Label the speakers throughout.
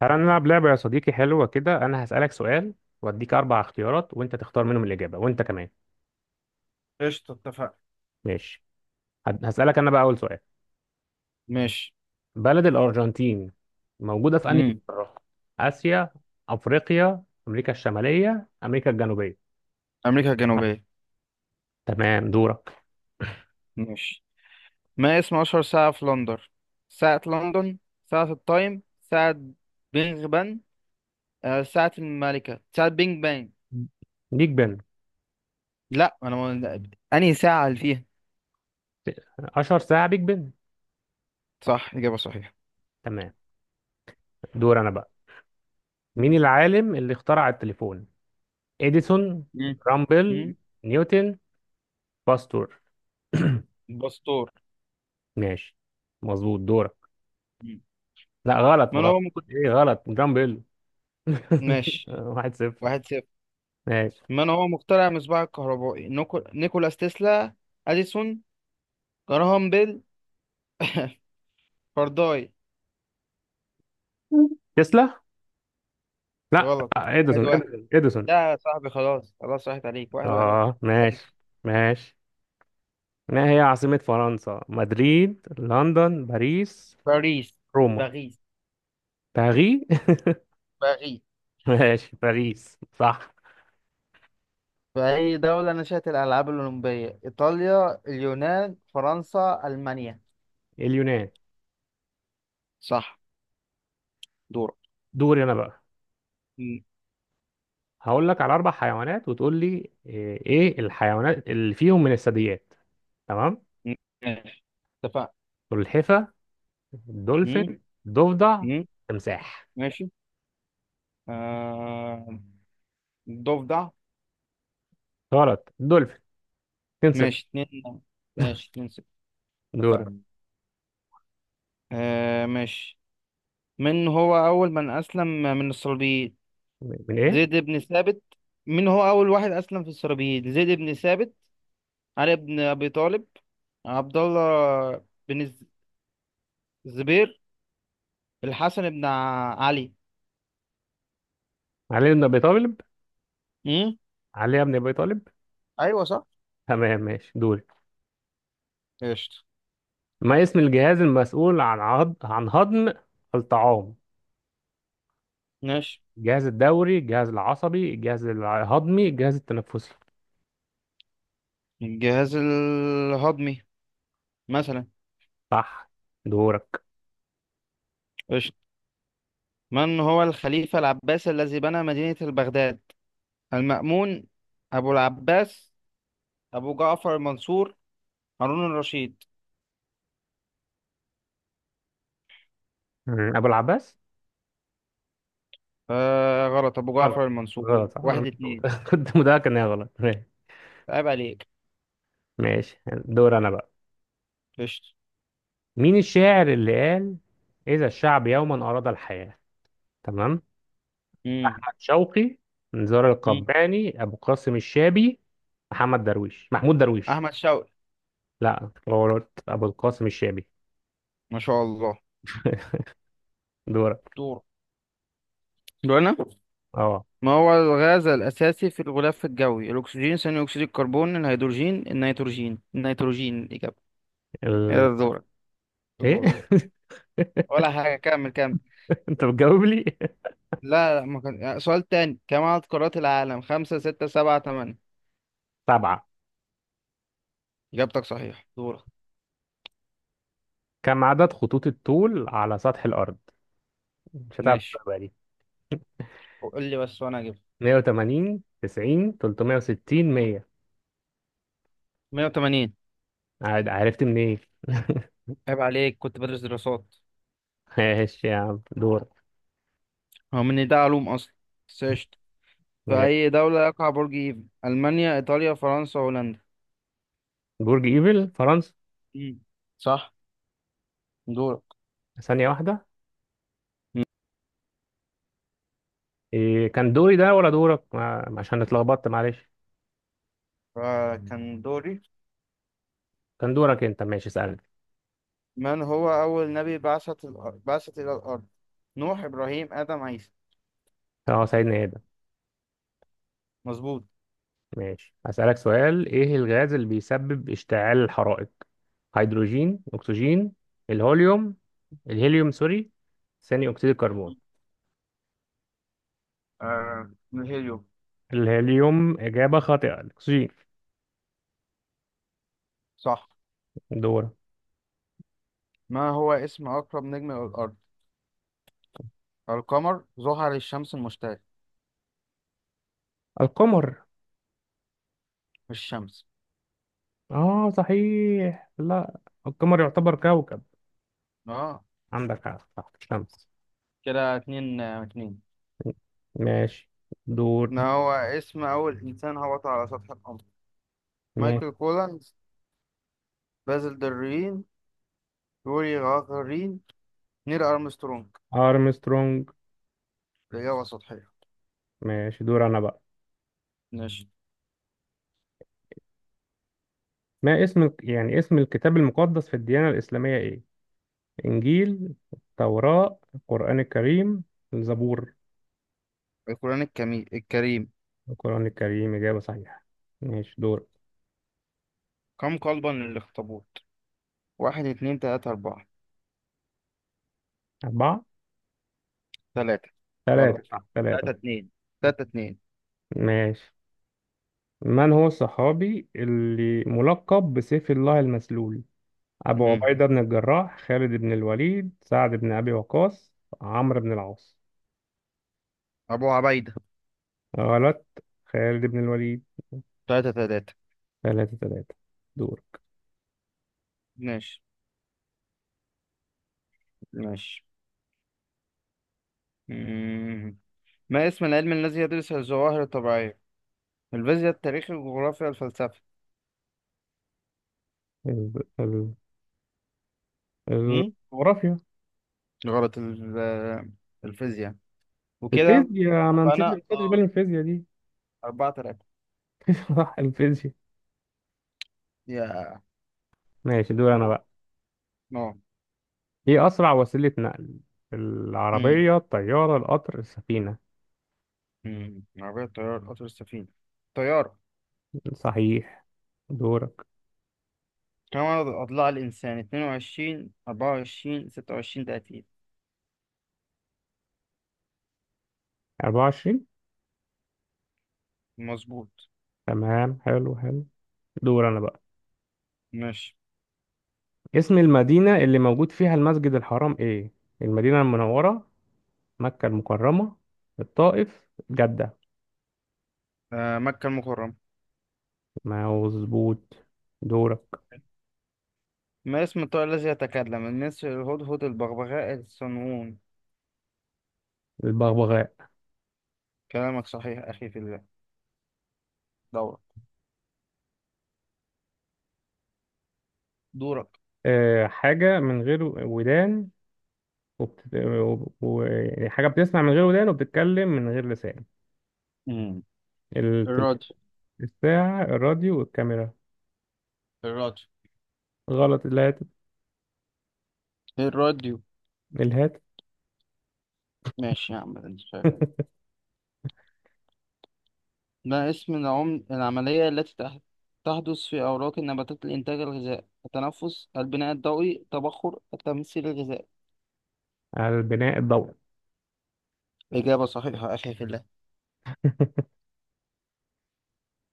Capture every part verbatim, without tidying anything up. Speaker 1: تعالى نلعب لعبة يا صديقي، حلوة كده. أنا هسألك سؤال وأديك أربع اختيارات وأنت تختار منهم الإجابة وأنت كمان.
Speaker 2: قشطة، اتفقنا.
Speaker 1: ماشي. هد- هسألك أنا بقى أول سؤال.
Speaker 2: ماشي.
Speaker 1: بلد الأرجنتين موجودة في أنهي
Speaker 2: امم
Speaker 1: قارة؟ آسيا، أفريقيا، أمريكا الشمالية، أمريكا الجنوبية.
Speaker 2: امريكا الجنوبيه.
Speaker 1: تمام، دورك.
Speaker 2: ماشي. ما اسم اشهر ساعه في لندن؟ ساعه لندن، ساعه التايم، ساعه بينغ بان. آه، ساعه الملكه، ساعه بينج بان.
Speaker 1: بيج بن.
Speaker 2: لا، انا ما... انهي ساعه اللي فيها؟
Speaker 1: أشهر ساعة بيج بن.
Speaker 2: صح، اجابه صحيحه.
Speaker 1: تمام. دور أنا بقى. مين العالم اللي اخترع التليفون؟ إديسون،
Speaker 2: مم.
Speaker 1: رامبل،
Speaker 2: مم.
Speaker 1: نيوتن، باستور.
Speaker 2: الباسطور.
Speaker 1: ماشي. مظبوط، دورك.
Speaker 2: مم.
Speaker 1: لا غلط
Speaker 2: من
Speaker 1: بغلط.
Speaker 2: هو مك...
Speaker 1: ايه غلط، جامب بيل.
Speaker 2: ماشي.
Speaker 1: واحد صفر.
Speaker 2: واحد صفر.
Speaker 1: ماشي.
Speaker 2: من هو مخترع المصباح الكهربائي؟ نيكو... نيكولاس تسلا، اديسون، جراهام بيل، فارداي.
Speaker 1: تسلا، لا
Speaker 2: غلط. واحد
Speaker 1: اديسون
Speaker 2: واحد.
Speaker 1: اديسون اديسون.
Speaker 2: لا يا صاحبي، خلاص خلاص راحت عليك. واحد واحد.
Speaker 1: اه ماشي.
Speaker 2: باريس.
Speaker 1: ماشي. ما هي عاصمة فرنسا؟ مدريد، لندن، باريس،
Speaker 2: باريس.
Speaker 1: روما،
Speaker 2: باريس.
Speaker 1: باري.
Speaker 2: باريس.
Speaker 1: ماشي، باريس صح.
Speaker 2: فأي دولة نشأت الألعاب الأولمبية؟ إيطاليا، اليونان، فرنسا، ألمانيا.
Speaker 1: اليونان.
Speaker 2: صح. دورك.
Speaker 1: دوري انا بقى.
Speaker 2: م-
Speaker 1: هقول لك على اربع حيوانات وتقول لي ايه إيه الحيوانات اللي فيهم من الثدييات. تمام.
Speaker 2: م- ماشي، اتفقنا.
Speaker 1: سلحفة،
Speaker 2: م-
Speaker 1: دولفين، ضفدع،
Speaker 2: م-
Speaker 1: تمساح.
Speaker 2: ماشي. آه... ضفدع.
Speaker 1: غلط، دولفين. اتنين.
Speaker 2: ماشي اتنين ماشي اتنين ستة.
Speaker 1: دورك.
Speaker 2: اتفقنا. آه، ماشي. من هو أول من أسلم من الصليبيين؟
Speaker 1: من ايه؟
Speaker 2: زيد بن ثابت؟ من هو أول واحد أسلم في الصليبيين؟ زيد بن ثابت، علي بن أبي طالب، عبد الله بن الز- الزبير، الحسن بن ع- علي.
Speaker 1: علي بن ابي طالب،
Speaker 2: امم
Speaker 1: علي بن ابي طالب.
Speaker 2: ايوه، صح.
Speaker 1: تمام، ماشي دوري.
Speaker 2: قشطة.
Speaker 1: ما اسم الجهاز المسؤول عن عض... عن هضم الطعام؟
Speaker 2: ماشي.
Speaker 1: الجهاز الدوري، الجهاز العصبي، الجهاز الهضمي، الجهاز التنفسي.
Speaker 2: الجهاز الهضمي، مثلا.
Speaker 1: صح، دورك.
Speaker 2: قشطة. من هو الخليفة العباسي الذي بنى مدينة بغداد؟ المأمون، أبو العباس، أبو جعفر المنصور، هارون الرشيد.
Speaker 1: مم. ابو العباس.
Speaker 2: آه غلط، أبو
Speaker 1: غلط.
Speaker 2: جعفر المنصور.
Speaker 1: غلط، صح. انا
Speaker 2: واحد اتنين،
Speaker 1: كنت كنت متاكد انها غلط. ماشي.
Speaker 2: عيب عليك.
Speaker 1: ماشي. دور انا بقى.
Speaker 2: قشطة.
Speaker 1: مين الشاعر اللي قال: اذا الشعب يوما اراد الحياة؟ تمام.
Speaker 2: مم.
Speaker 1: احمد شوقي، نزار
Speaker 2: مم.
Speaker 1: القباني، ابو قاسم الشابي، محمد درويش، محمود درويش.
Speaker 2: أحمد شوقي.
Speaker 1: لا غلط، ابو القاسم الشامي.
Speaker 2: ما شاء الله.
Speaker 1: دورك.
Speaker 2: دور دور أنا.
Speaker 1: اه.
Speaker 2: ما هو الغاز الأساسي في الغلاف الجوي؟ الأكسجين، ثاني أكسيد الكربون، الهيدروجين، النيتروجين. النيتروجين الإجابة.
Speaker 1: ال...
Speaker 2: يا دورك،
Speaker 1: ايه.
Speaker 2: دورك. ولا حاجة، كمل كمل.
Speaker 1: انت بتجاوب لي.
Speaker 2: لا لا، ما كان، آه، سؤال تاني. كم عدد قارات العالم؟ خمسة، ستة، سبعة، تمانية.
Speaker 1: سبعة.
Speaker 2: إجابتك صحيح. دورك.
Speaker 1: كم عدد خطوط الطول على سطح الارض؟ مش هتعرف
Speaker 2: ماشي،
Speaker 1: تجاوبها دي.
Speaker 2: قول لي بس وأنا أجيب.
Speaker 1: مائة وثمانين، تسعين، ثلاثمائة وستين، مائة.
Speaker 2: مية وثمانين.
Speaker 1: عاد- عرفت منين.
Speaker 2: عيب عليك، كنت بدرس دراسات.
Speaker 1: ايه ماشي يا عم دور.
Speaker 2: هو من ده علوم أصلا، بس قشطة. في
Speaker 1: ماشي.
Speaker 2: أي دولة يقع برج إيفل؟ ألمانيا، إيطاليا، فرنسا، هولندا.
Speaker 1: برج ايفل، فرنسا.
Speaker 2: مم. صح. دورك.
Speaker 1: ثانية واحدة.
Speaker 2: مم.
Speaker 1: إيه كان دوري ده ولا دورك؟ ما... عشان اتلخبطت، معلش.
Speaker 2: فكان دوري.
Speaker 1: كان دورك انت، ماشي، اسألني.
Speaker 2: من هو أول نبي بعثت الأرض، بعثت إلى الأرض؟ نوح، إبراهيم، آدم، عيسى.
Speaker 1: اه سيدنا ايه.
Speaker 2: مظبوط.
Speaker 1: ماشي، هسألك سؤال. ايه الغاز اللي بيسبب اشتعال الحرائق؟ هيدروجين، اكسجين، الهوليوم، الهيليوم سوري، ثاني اكسيد الكربون.
Speaker 2: آه، من الهيليوم.
Speaker 1: الهيليوم اجابة خاطئة، الاكسجين.
Speaker 2: صح.
Speaker 1: دورة.
Speaker 2: ما هو اسم أقرب نجم إلى الأرض؟ القمر، زحل، الشمس، المشتري.
Speaker 1: القمر.
Speaker 2: مش الشمس؟
Speaker 1: اه صحيح، لا القمر يعتبر كوكب.
Speaker 2: اه.
Speaker 1: عندك حق، صح، الشمس.
Speaker 2: كده اتنين، آه، اتنين.
Speaker 1: ماشي دور.
Speaker 2: ما هو اسم أول إنسان هبط على سطح القمر؟
Speaker 1: ماشي.
Speaker 2: مايكل كولانز، بازل درين، يوري غاغارين، نيل أرمسترونج.
Speaker 1: ارمسترونج.
Speaker 2: الإجابة سطحية.
Speaker 1: ماشي، دور انا بقى.
Speaker 2: ماشي.
Speaker 1: ما اسم الك- يعني اسم الكتاب المقدس في الديانة الإسلامية ايه؟ إنجيل، التوراة، القرآن الكريم، الزبور.
Speaker 2: القرآن الكمي... الكريم.
Speaker 1: القرآن الكريم إجابة صحيحة. ماشي دور.
Speaker 2: كم قلبا للأخطبوط؟ واحد، اتنين، تلاتة، أربعة.
Speaker 1: أربعة.
Speaker 2: ثلاثة. غلط.
Speaker 1: ثلاثة ثلاثة.
Speaker 2: تلاتة اتنين. تلاتة اتنين.
Speaker 1: ماشي. من هو الصحابي اللي ملقب بسيف الله المسلول؟ أبو
Speaker 2: مم.
Speaker 1: عبيدة بن الجراح، خالد بن الوليد، سعد بن أبي وقاص، عمرو بن العاص.
Speaker 2: أبو عبيدة.
Speaker 1: غلط، خالد بن الوليد.
Speaker 2: تلاتة تلاتة.
Speaker 1: ثلاثة ثلاثة. دور.
Speaker 2: ماشي. ماشي. مم. ما اسم العلم الذي يدرس الظواهر الطبيعية؟ الفيزياء، التاريخ، الجغرافيا، الفلسفة.
Speaker 1: ال- ال-
Speaker 2: مم؟
Speaker 1: الجغرافيا.
Speaker 2: غلط. ال- آه، الفيزياء، وكده.
Speaker 1: الفيزياء. ما نسيت، ما
Speaker 2: فأنا
Speaker 1: خدتش
Speaker 2: اه،
Speaker 1: بالي من الفيزياء دي.
Speaker 2: أربعة تلاتة.
Speaker 1: صح، الفيزياء.
Speaker 2: يا
Speaker 1: ماشي، دول انا بقى.
Speaker 2: اه.
Speaker 1: ايه اسرع وسيلة نقل؟
Speaker 2: امم
Speaker 1: العربية، الطيارة، القطر، السفينة.
Speaker 2: امم عربية، طيار، قطر، السفينة. طيارة.
Speaker 1: صحيح، دورك.
Speaker 2: كم عدد أضلاع الإنسان؟ اثنان وعشرون، أربعة وعشرين، ستة وعشرين، ثلاثين.
Speaker 1: أربعة وعشرين.
Speaker 2: مظبوط.
Speaker 1: تمام، حلو حلو. دور انا بقى.
Speaker 2: ماشي.
Speaker 1: اسم المدينة اللي موجود فيها المسجد الحرام ايه؟ المدينة المنورة، مكة المكرمة، الطائف، جدة.
Speaker 2: آه، مكة المكرمة.
Speaker 1: مظبوط، دورك.
Speaker 2: ما اسم الطائر الذي يتكلم؟ النسر، الهدهد، البغبغاء، الصنوون.
Speaker 1: البغبغاء.
Speaker 2: كلامك صحيح أخي في الله. دورك. دورك.
Speaker 1: أه، حاجة من غير ودان وبت... و... و... يعني حاجة بتسمع من غير ودان وبتتكلم من غير لسان.
Speaker 2: مم.
Speaker 1: التليفون،
Speaker 2: الراديو.
Speaker 1: الساعة، الراديو والكاميرا.
Speaker 2: الراديو.
Speaker 1: غلط، الهاتف.
Speaker 2: الراديو.
Speaker 1: الهاتف.
Speaker 2: ماشي يا عم، انت شايف. ما اسم العم... العملية التي تح... تحدث في أوراق النباتات لإنتاج الغذاء؟ التنفس، البناء الضوئي، التبخر، التمثيل الغذائي.
Speaker 1: على البناء الضوئي.
Speaker 2: إجابة صحيحة أخي في الله.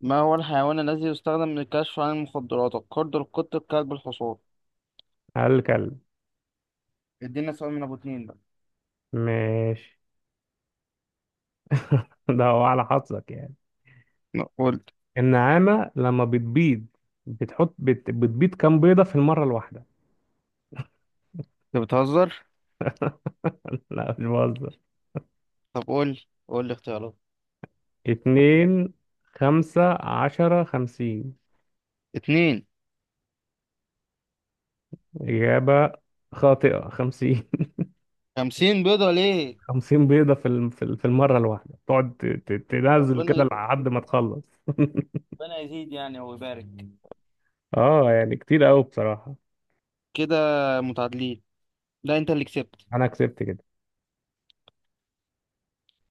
Speaker 2: ما هو الحيوان الذي يستخدم للكشف عن المخدرات؟ القرد، القط، الكلب، الحصان.
Speaker 1: على الكلب.
Speaker 2: ادينا سؤال من أبو اتنين بقى.
Speaker 1: ماشي. ده هو على حظك يعني.
Speaker 2: نقول.
Speaker 1: النعامة لما بتبيض بتحط بت... بتبيض كام بيضة في المرة الواحدة.
Speaker 2: انت بتهزر؟
Speaker 1: لا، مش بهزر.
Speaker 2: طب قول، قول لي اختيارات.
Speaker 1: اتنين، خمسة، عشرة، خمسين.
Speaker 2: اتنين.
Speaker 1: إجابة خاطئة، خمسين.
Speaker 2: خمسين بيضة ليه؟
Speaker 1: خمسين بيضة في الم- في ال- في المرة الواحدة تقعد ت- ت- تنزل
Speaker 2: ربنا
Speaker 1: كده
Speaker 2: يزيد،
Speaker 1: لحد ما تخلص.
Speaker 2: ربنا يزيد يعني ويبارك.
Speaker 1: اه يعني كتير قوي بصراحة.
Speaker 2: كده متعادلين. لا، انت اللي كسبت.
Speaker 1: انا كسبت كده.